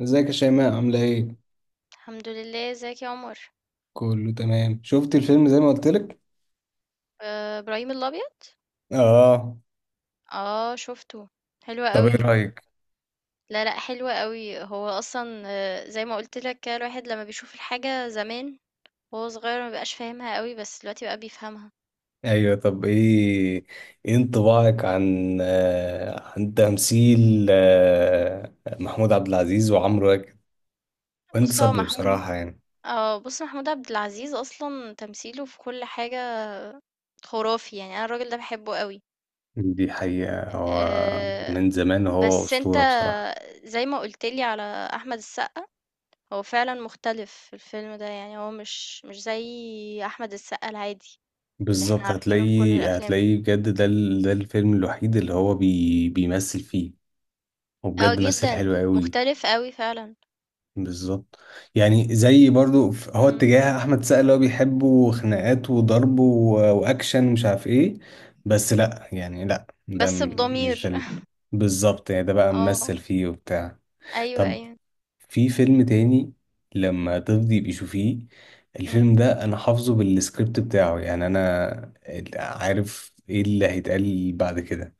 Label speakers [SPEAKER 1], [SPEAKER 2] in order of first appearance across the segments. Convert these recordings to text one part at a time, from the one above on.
[SPEAKER 1] ازيك يا شيماء عاملة ايه؟
[SPEAKER 2] الحمد لله، ازيك يا عمر؟
[SPEAKER 1] كله تمام. شفت الفيلم زي ما قلت لك؟
[SPEAKER 2] آه، ابراهيم الابيض.
[SPEAKER 1] اه.
[SPEAKER 2] اه، شفته. حلو
[SPEAKER 1] طب ايه
[SPEAKER 2] قوي.
[SPEAKER 1] رأيك؟
[SPEAKER 2] لا، لا، حلو قوي. هو اصلا زي ما قلت لك كده، الواحد لما بيشوف الحاجه زمان وهو صغير ما بقاش فاهمها قوي، بس دلوقتي بقى بيفهمها.
[SPEAKER 1] ايوه. طب ايه انطباعك عن عن تمثيل محمود عبد العزيز وعمرو واكد وانت
[SPEAKER 2] بص، هو
[SPEAKER 1] صبري
[SPEAKER 2] محمود.
[SPEAKER 1] بصراحة يعني.
[SPEAKER 2] اه بص، محمود عبد العزيز اصلا تمثيله في كل حاجه خرافي. يعني انا الراجل ده بحبه قوي.
[SPEAKER 1] دي حقيقة. هو
[SPEAKER 2] آه،
[SPEAKER 1] من زمان هو
[SPEAKER 2] بس انت
[SPEAKER 1] أسطورة بصراحة.
[SPEAKER 2] زي ما قلت لي على احمد السقا، هو فعلًا مختلف الفيلم ده، يعني هو مش زي أحمد السقا العادي اللي إحنا
[SPEAKER 1] بالظبط.
[SPEAKER 2] عارفينه في كل
[SPEAKER 1] هتلاقيه
[SPEAKER 2] الأفلام.
[SPEAKER 1] هتلاقيه بجد ده الفيلم الوحيد اللي هو بيمثل فيه.
[SPEAKER 2] آه،
[SPEAKER 1] وبجد مثل
[SPEAKER 2] جدًا،
[SPEAKER 1] حلو قوي.
[SPEAKER 2] مختلف أوي فعلًا.
[SPEAKER 1] بالظبط. يعني زي برضو هو
[SPEAKER 2] إمم.
[SPEAKER 1] اتجاه احمد سقا اللي هو بيحبه خناقات وضرب واكشن ومش عارف ايه. بس لا، يعني لا،
[SPEAKER 2] بس
[SPEAKER 1] مش
[SPEAKER 2] بضمير.
[SPEAKER 1] ده ال- بالظبط، يعني ده بقى
[SPEAKER 2] آه،
[SPEAKER 1] ممثل فيه وبتاع.
[SPEAKER 2] أيوه،
[SPEAKER 1] طب
[SPEAKER 2] أيوه.
[SPEAKER 1] في فيلم تاني لما تفضي بيشوفيه؟
[SPEAKER 2] إمم.
[SPEAKER 1] الفيلم ده انا حافظه بالسكريبت بتاعه، يعني انا عارف ايه اللي هيتقال بعد كده.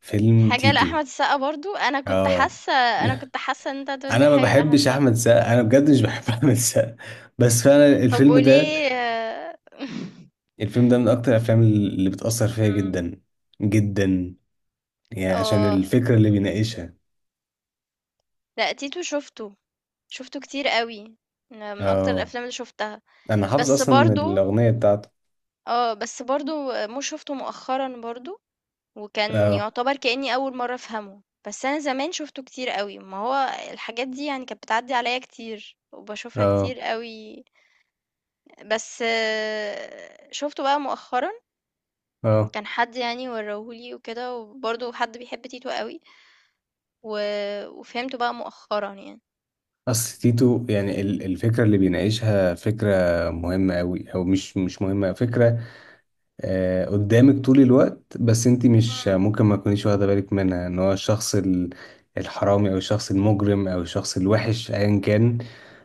[SPEAKER 1] فيلم
[SPEAKER 2] حاجة
[SPEAKER 1] تيتو.
[SPEAKER 2] لأحمد السقا برضه، أنا كنت
[SPEAKER 1] اه.
[SPEAKER 2] حاسة أنا كنت حاسة إن أنت هتقول لي
[SPEAKER 1] انا ما
[SPEAKER 2] حاجة لأحمد
[SPEAKER 1] بحبش
[SPEAKER 2] السقا.
[SPEAKER 1] احمد السقا. انا بجد مش بحب احمد السقا. بس فعلا
[SPEAKER 2] طب
[SPEAKER 1] الفيلم ده
[SPEAKER 2] وليه؟
[SPEAKER 1] من اكتر الافلام اللي بتاثر فيا
[SPEAKER 2] إمم.
[SPEAKER 1] جدا جدا. يعني عشان
[SPEAKER 2] آه.
[SPEAKER 1] الفكره اللي بيناقشها.
[SPEAKER 2] لأ، تيتو شُفته، شُفته كتير أوي، من أكتر
[SPEAKER 1] اه.
[SPEAKER 2] الأفلام اللي شُفتها.
[SPEAKER 1] انا حافظ
[SPEAKER 2] بس
[SPEAKER 1] اصلا
[SPEAKER 2] برضه
[SPEAKER 1] الاغنيه بتاعته.
[SPEAKER 2] بس برضه مو شُفته مؤخرًا برضه، وكان
[SPEAKER 1] اه.
[SPEAKER 2] يُعتبر كإنّي أول مرّة أفهمه. بس أنا زمان شُفته كتير أوي، ما هو الحاجات دي يعني كانت بتعدّي عليَّ كتير، وباشوفها
[SPEAKER 1] اه.
[SPEAKER 2] كتير أوي. بس شُفته بقى مؤخرًا،
[SPEAKER 1] اه.
[SPEAKER 2] كان حد يعني ورّاه لي وكده، وبرضه حد بيحب تيتو أوي، و وفهمته بقى مؤخرًا يعني.
[SPEAKER 1] اصل تيتو، يعني الفكره اللي بيناقشها فكره مهمه قوي، او مش مهمه، فكره قدامك طول الوقت، بس انت مش
[SPEAKER 2] إمم،
[SPEAKER 1] ممكن ما تكونيش واخده بالك منها. ان هو الشخص الحرامي او الشخص المجرم او الشخص الوحش ايا كان،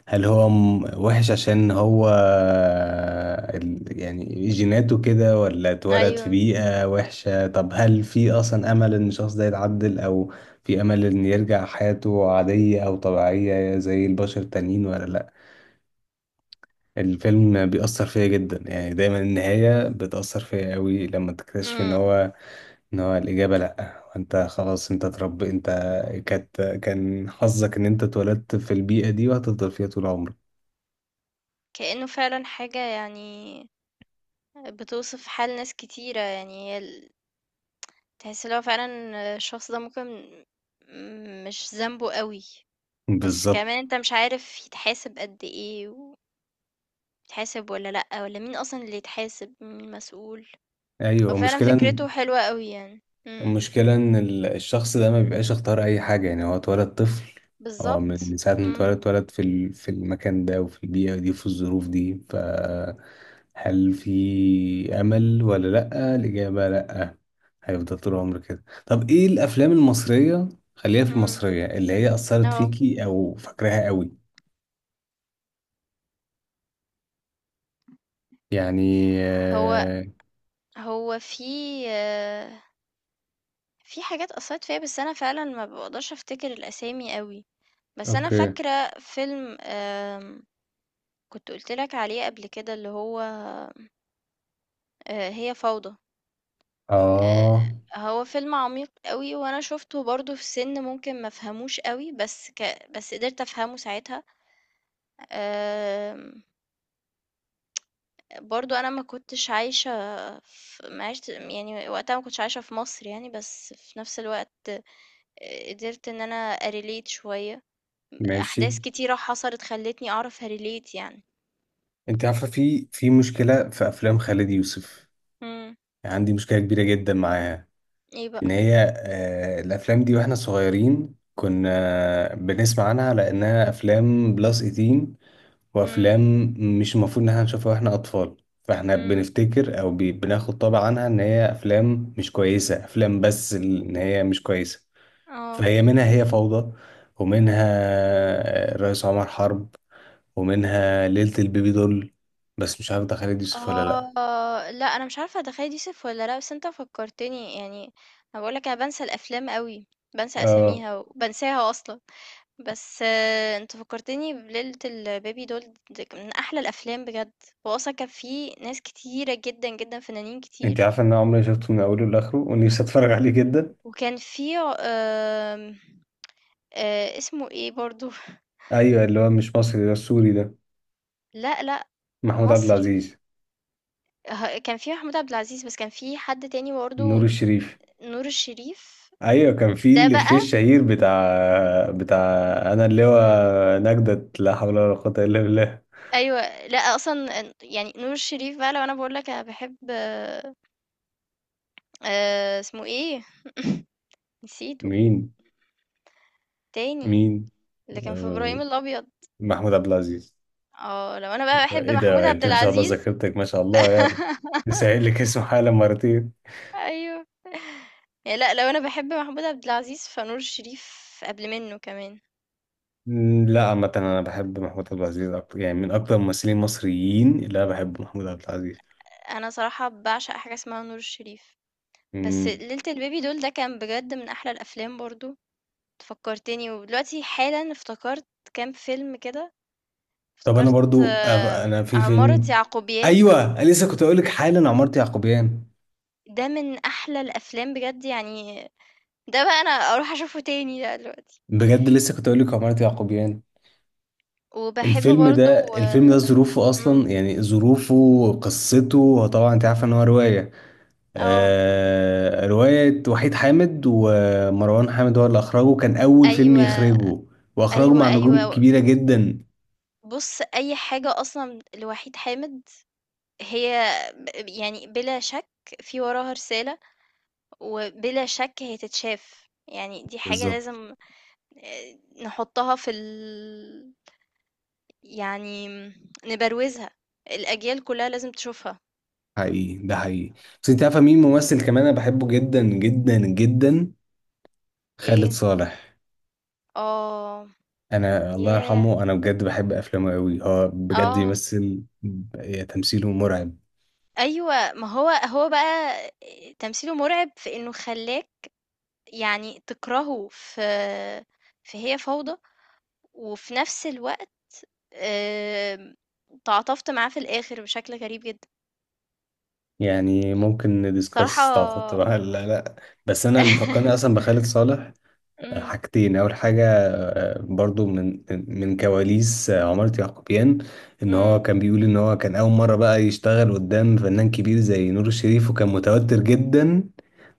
[SPEAKER 1] هل هو وحش عشان هو يعني جيناته كده، ولا اتولد في
[SPEAKER 2] أيوه،
[SPEAKER 1] بيئة وحشة؟ طب هل في اصلا امل ان الشخص ده يتعدل، او في امل ان يرجع حياته عادية او طبيعية زي البشر التانيين ولا لا؟ الفيلم بيأثر فيا جدا، يعني دايما النهاية بتأثر فيا قوي لما تكتشف ان
[SPEAKER 2] إمم.
[SPEAKER 1] هو الإجابة لأ. وانت خلاص، انت اترب، انت كان حظك ان انت اتولدت في البيئة دي، وهتفضل فيها طول عمرك.
[SPEAKER 2] كإنه فعلًا حاجة يعني بتوصف حال ناس كتيرة. يعني هي ال تحس اللي هو فعلًا الشخص ده ممكن مش ذنبه أوي، بس
[SPEAKER 1] بالظبط.
[SPEAKER 2] كمان أنت مش عارف يتحاسب قد إيه، ويتحاسب والّا لأ، والّا مين أصلًا اللي يتحاسب، مين المسؤول. هو
[SPEAKER 1] ايوه،
[SPEAKER 2] فعلًا فكرته حلوة أوي يعني. إمم،
[SPEAKER 1] المشكلة إن الشخص ده ما بيبقاش اختار أي حاجة. يعني هو اتولد طفل. هو من
[SPEAKER 2] بالضبط،
[SPEAKER 1] من ساعة ما
[SPEAKER 2] إمم،
[SPEAKER 1] اتولد في في المكان ده وفي البيئة دي وفي الظروف دي، هل في أمل ولا لأ؟ الإجابة لأ. هيفضل طول عمره كده. طب إيه الأفلام المصرية، خليها في
[SPEAKER 2] إمم،
[SPEAKER 1] المصرية، اللي هي أثرت
[SPEAKER 2] آه.
[SPEAKER 1] فيكي أو فاكراها قوي؟ يعني
[SPEAKER 2] هو هو آه، في حاجات أثّرت فيّا، بس أنا فعلًا ما باقدرش أفتكر الأسامي أوي. بس أنا
[SPEAKER 1] أوكي.
[SPEAKER 2] فاكرة فيلم كنت قُلت لك عليه قبل كده اللي هو هي فوضى. آآ
[SPEAKER 1] آه.
[SPEAKER 2] هو فيلم عميق أوي، وأنا شُفته برضه في سِن ممكن ما أفهموش أوي، بس قدرت أفهمه ساعتها. آمم برضه أنا ما كنتش عايشة، ما عِشت يعني وقتها ما كنتش عايشة في مصر يعني، بس في نفس الوقت قدرت إن أنا أrelate شوية،
[SPEAKER 1] ماشي.
[SPEAKER 2] أحداث كتيرة حصلت خلّتني أعرف أrelate يعني.
[SPEAKER 1] أنت عارفة في مشكلة في أفلام خالد يوسف.
[SPEAKER 2] إمم،
[SPEAKER 1] يعني عندي مشكلة كبيرة جدا معاها.
[SPEAKER 2] إيه
[SPEAKER 1] إن
[SPEAKER 2] بقى؟
[SPEAKER 1] هي الأفلام دي وإحنا صغيرين كنا بنسمع عنها لأنها أفلام بلس 18،
[SPEAKER 2] إمم،
[SPEAKER 1] وأفلام مش المفروض إن إحنا نشوفها وإحنا أطفال. فإحنا
[SPEAKER 2] إمم،
[SPEAKER 1] بنفتكر أو بناخد طبع عنها إن هي أفلام مش كويسة. أفلام بس إن هي مش كويسة.
[SPEAKER 2] آه.
[SPEAKER 1] فهي منها هي فوضى، ومنها الرئيس عمر حرب، ومنها ليلة البيبي دول، بس مش عارف ده خالد يوسف ولا
[SPEAKER 2] آه، لأ أنا مش عارفة ده خالد يوسف والّا لأ، بس أنت فكّرتني يعني. أنا باقول لك أنا بانسى الأفلام أوي، بانسى
[SPEAKER 1] لأ.
[SPEAKER 2] أساميها وبانساها أصلًا. بس أنت فكّرتني بليلة الBaby doll دي من أحلى الأفلام بجد. هو أصلًا كان في ناس كتيرة جدًا، جدًا، فنانين
[SPEAKER 1] انت
[SPEAKER 2] كتير،
[SPEAKER 1] عارفه ان انا عمري ما شفته من اوله لاخره، ونفسي اتفرج عليه جدا.
[SPEAKER 2] وكان في ع آمم، اسمه إيه برضه؟
[SPEAKER 1] ايوه، اللي هو مش مصري ده، السوري ده.
[SPEAKER 2] لأ، لأ،
[SPEAKER 1] محمود عبد
[SPEAKER 2] مصري.
[SPEAKER 1] العزيز.
[SPEAKER 2] كان في محمود عبد العزيز، بس كان في حد تاني
[SPEAKER 1] نور
[SPEAKER 2] برضه.
[SPEAKER 1] الشريف.
[SPEAKER 2] نور الشريف،
[SPEAKER 1] ايوه كان في
[SPEAKER 2] ده
[SPEAKER 1] الافيه
[SPEAKER 2] بقى.
[SPEAKER 1] الشهير بتاع. انا اللي هو
[SPEAKER 2] إمم.
[SPEAKER 1] نجدة لا حول ولا قوه الا بالله.
[SPEAKER 2] أيوه، لأ أصلًا يعني نور الشريف بقى، لو أنا باقول لك أنا باحب اسمه إيه؟ نسيته.
[SPEAKER 1] مين؟
[SPEAKER 2] التاني،
[SPEAKER 1] مين؟
[SPEAKER 2] اللي كان في
[SPEAKER 1] آه،
[SPEAKER 2] إبراهيم الأبيض.
[SPEAKER 1] محمود عبد العزيز.
[SPEAKER 2] آه، لو أنا بقى باحب
[SPEAKER 1] ايه
[SPEAKER 2] محمود
[SPEAKER 1] ده؟
[SPEAKER 2] عبد
[SPEAKER 1] انت ما شاء الله،
[SPEAKER 2] العزيز.
[SPEAKER 1] ذاكرتك ما شاء الله يعني. سائل لك اسمه حالا مرتين.
[SPEAKER 2] أيوه، يعني لأ لو أنا باحب محمود عبد العزيز فنور الشريف قبل منّه كمان.
[SPEAKER 1] لا، عامة أنا بحب محمود عبد العزيز أكتر، يعني من أكتر الممثلين المصريين اللي أنا بحبه محمود عبد العزيز.
[SPEAKER 2] أنا صراحة باعشق حاجة اسمها نور الشريف. بس
[SPEAKER 1] مم.
[SPEAKER 2] ليلة البيبي دول ده كان بجد من أحلى الأفلام برضه، أنت فكّرتني ودلوقتي حالًا افتكرت كام فيلم كده،
[SPEAKER 1] طب انا
[SPEAKER 2] افتكرت
[SPEAKER 1] برضو انا في
[SPEAKER 2] عمارة
[SPEAKER 1] فيلم.
[SPEAKER 2] يعقوبيان.
[SPEAKER 1] ايوه، أنا لسه كنت اقول لك حالا عمارة يعقوبيان.
[SPEAKER 2] ده من أحلى الأفلام بجد يعني، ده بقى أنا أروح أشوفه تاني ده دلوقتي،
[SPEAKER 1] بجد لسه كنت اقول لك عمارة يعقوبيان.
[SPEAKER 2] وباحب
[SPEAKER 1] الفيلم
[SPEAKER 2] برضه.
[SPEAKER 1] ده ظروفه
[SPEAKER 2] إمم،
[SPEAKER 1] اصلا، يعني ظروفه، قصته. هو طبعا انت عارفه ان هو روايه.
[SPEAKER 2] آه،
[SPEAKER 1] روايه وحيد حامد، ومروان حامد هو اللي اخرجه، كان اول فيلم
[SPEAKER 2] أيوه،
[SPEAKER 1] يخرجه، واخرجه
[SPEAKER 2] أيوه،
[SPEAKER 1] مع نجوم
[SPEAKER 2] أيوه.
[SPEAKER 1] كبيره جدا.
[SPEAKER 2] بُص، أي حاجة أصلًا لوحيد حامد هي يعني بلا شك في وراها رسالة، وبلا شك هي تتشاف، يعني دي حاجة
[SPEAKER 1] بالظبط.
[SPEAKER 2] لازم آآ، نحطها في ال يعني نبروزها، الأجيال كلها لازم تشوفها.
[SPEAKER 1] حقيقي، ده حقيقي. بس انت عارفه مين ممثل كمان انا بحبه جدا جدا جدا؟ خالد
[SPEAKER 2] إيه؟
[SPEAKER 1] صالح.
[SPEAKER 2] آه،
[SPEAKER 1] انا الله
[SPEAKER 2] ياه!
[SPEAKER 1] يرحمه، انا بجد بحب افلامه قوي. هو بجد
[SPEAKER 2] آه،
[SPEAKER 1] يمثل. تمثيله مرعب.
[SPEAKER 2] أيوه. ما هو هو بقى تمثيله مرعب في إنه خلّاك يعني تكرهه في هي فوضى، وفي نفس الوقت آمم، تعاطفت معاه في الآخر بشكل غريب جدًا.
[SPEAKER 1] يعني ممكن
[SPEAKER 2] بصراحة.
[SPEAKER 1] ندiscuss. طبعا طبعا لا لا. بس انا اللي فكرني اصلا بخالد صالح
[SPEAKER 2] إمم،
[SPEAKER 1] حاجتين. اول حاجه
[SPEAKER 2] إمم،
[SPEAKER 1] برضو من كواليس عمارة يعقوبيان. ان هو
[SPEAKER 2] إمم،
[SPEAKER 1] كان بيقول ان هو كان اول مره بقى يشتغل قدام فنان كبير زي نور الشريف، وكان متوتر جدا.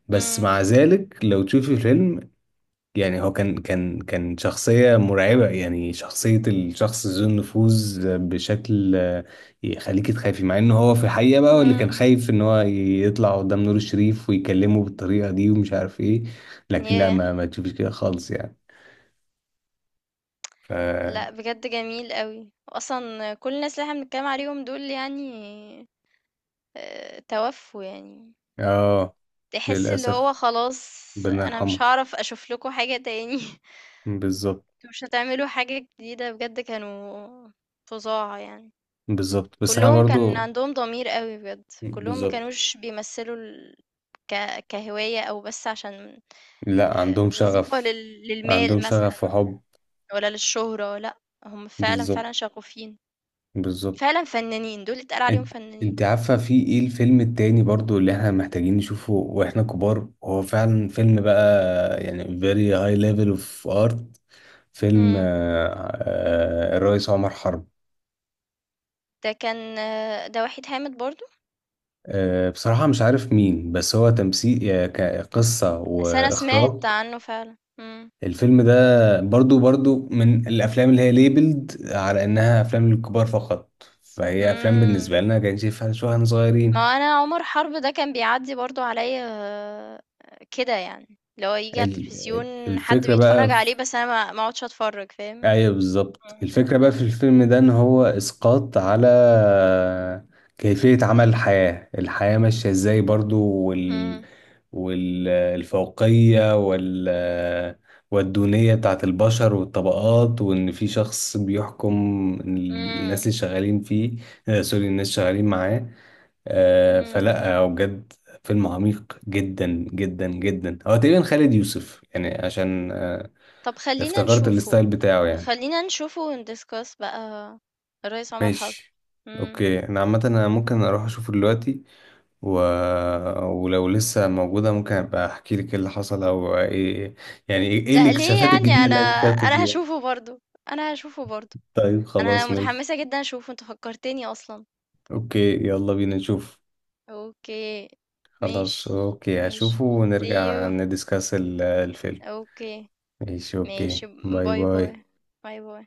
[SPEAKER 1] بس
[SPEAKER 2] إمم،
[SPEAKER 1] مع ذلك لو تشوفي الفيلم، يعني هو كان شخصية مرعبة. يعني شخصية الشخص ذو النفوذ بشكل يخليك تخافي، مع ان هو في الحقيقة بقى هو اللي كان
[SPEAKER 2] إمم.
[SPEAKER 1] خايف ان هو يطلع قدام نور الشريف ويكلمه بالطريقة دي ومش عارف ايه. لكن لا،
[SPEAKER 2] ياه!
[SPEAKER 1] ما تشوفش كده خالص يعني. ف
[SPEAKER 2] لأ، بجد جميل أوي، وأصلًا كل الناس اللي إحنا بنتكلم عليهم دول يعني توفوا يعني.
[SPEAKER 1] اه.
[SPEAKER 2] تحس اللي
[SPEAKER 1] للأسف.
[SPEAKER 2] هو خلاص،
[SPEAKER 1] ربنا
[SPEAKER 2] أنا مش
[SPEAKER 1] يرحمه.
[SPEAKER 2] هاعرف أشوف لكم حاجة تاني.
[SPEAKER 1] بالظبط.
[SPEAKER 2] أنتم مش هتعملوا حاجة جديدة بجد، كانوا فظاع يعني.
[SPEAKER 1] بالظبط. بس انا
[SPEAKER 2] كلهم كان
[SPEAKER 1] برضو.
[SPEAKER 2] عندهم ضمير قوي بجد، كلهم ما
[SPEAKER 1] بالظبط.
[SPEAKER 2] كانوش بيمثلوا كهواية أو بس عشان
[SPEAKER 1] لا، عندهم
[SPEAKER 2] وظيفة
[SPEAKER 1] شغف. عندهم
[SPEAKER 2] للمال
[SPEAKER 1] شغف
[SPEAKER 2] مثلا،
[SPEAKER 1] وحب.
[SPEAKER 2] ولا للشهرة، لأ، هم فعلا
[SPEAKER 1] بالظبط.
[SPEAKER 2] فعلا شغوفين،
[SPEAKER 1] بالظبط.
[SPEAKER 2] فعلا فنانين، دول اتقال عليهم
[SPEAKER 1] انت انت
[SPEAKER 2] فنانين.
[SPEAKER 1] عارفه في ايه
[SPEAKER 2] مم.
[SPEAKER 1] الفيلم التاني برضو اللي احنا محتاجين نشوفه واحنا كبار؟ هو فعلا فيلم بقى، يعني very high level of art. فيلم
[SPEAKER 2] مم.
[SPEAKER 1] الرئيس عمر حرب.
[SPEAKER 2] ده كان آه، ده وحيد حامد برضو.
[SPEAKER 1] بصراحه مش عارف مين، بس هو تمثيل كقصه
[SPEAKER 2] بس أنا
[SPEAKER 1] واخراج.
[SPEAKER 2] سمعت عنه فعلا. مم.
[SPEAKER 1] الفيلم ده برضو من الافلام اللي هي ليبلد على انها افلام للكبار فقط، فهي افلام
[SPEAKER 2] إمم.
[SPEAKER 1] بالنسبه لنا كان شايفها شو احنا صغيرين.
[SPEAKER 2] ما هو أنا عمر حرب ده كان بيعدّي برضه عليّا، كده يعني، اللي هو ييجي على التلفزيون حد
[SPEAKER 1] الفكرة
[SPEAKER 2] بيتفرّج
[SPEAKER 1] بقى.
[SPEAKER 2] عليه، بس أنا ما اقعدش أتفرّج. فاهم؟
[SPEAKER 1] ايوه، بالظبط.
[SPEAKER 2] إمم،
[SPEAKER 1] الفكرة بقى في
[SPEAKER 2] إمم.
[SPEAKER 1] الفيلم ده ان هو اسقاط على كيفية عمل الحياة. الحياة ماشية ازاي برضو،
[SPEAKER 2] إمم،
[SPEAKER 1] والفوقية والدونية بتاعت البشر والطبقات، وان في شخص بيحكم الناس
[SPEAKER 2] إمم،
[SPEAKER 1] اللي شغالين فيه، سوري، الناس شغالين معاه.
[SPEAKER 2] إمم.
[SPEAKER 1] فلا هو بجد فيلم عميق جدا جدا جدا. هو تقريبا خالد يوسف، يعني عشان
[SPEAKER 2] طب، خلّينا
[SPEAKER 1] افتكرت
[SPEAKER 2] نشوفه،
[SPEAKER 1] الستايل بتاعه يعني.
[SPEAKER 2] خلّينا نشوفه ونdiscuss بقى الريس عمر حرب.
[SPEAKER 1] ماشي.
[SPEAKER 2] إمم.
[SPEAKER 1] اوكي، انا عامه انا ممكن اروح اشوفه دلوقتي، و... ولو لسه موجوده ممكن ابقى احكي لك ايه اللي حصل، او ايه يعني ايه
[SPEAKER 2] لأ، ليه
[SPEAKER 1] الاكتشافات
[SPEAKER 2] يعني؟
[SPEAKER 1] الجديده
[SPEAKER 2] أنا
[SPEAKER 1] اللي اكتشفته
[SPEAKER 2] أنا
[SPEAKER 1] فيها.
[SPEAKER 2] هاشوفه برضه، أنا هاشوفه برضه.
[SPEAKER 1] طيب
[SPEAKER 2] أنا
[SPEAKER 1] خلاص، ماشي.
[SPEAKER 2] متحمسة جدًا أشوفه، أنت فكّرتني أصلًا.
[SPEAKER 1] اوكي، يلا بينا نشوف.
[SPEAKER 2] أوكي،
[SPEAKER 1] خلاص،
[SPEAKER 2] ماشي،
[SPEAKER 1] اوكي،
[SPEAKER 2] ماشي.
[SPEAKER 1] هشوفه
[SPEAKER 2] See
[SPEAKER 1] ونرجع
[SPEAKER 2] you.
[SPEAKER 1] ندiscuss الفيلم.
[SPEAKER 2] أوكي،
[SPEAKER 1] ماشي. اوكي،
[SPEAKER 2] ماشي،
[SPEAKER 1] باي
[SPEAKER 2] باي باي،
[SPEAKER 1] باي.
[SPEAKER 2] باي باي.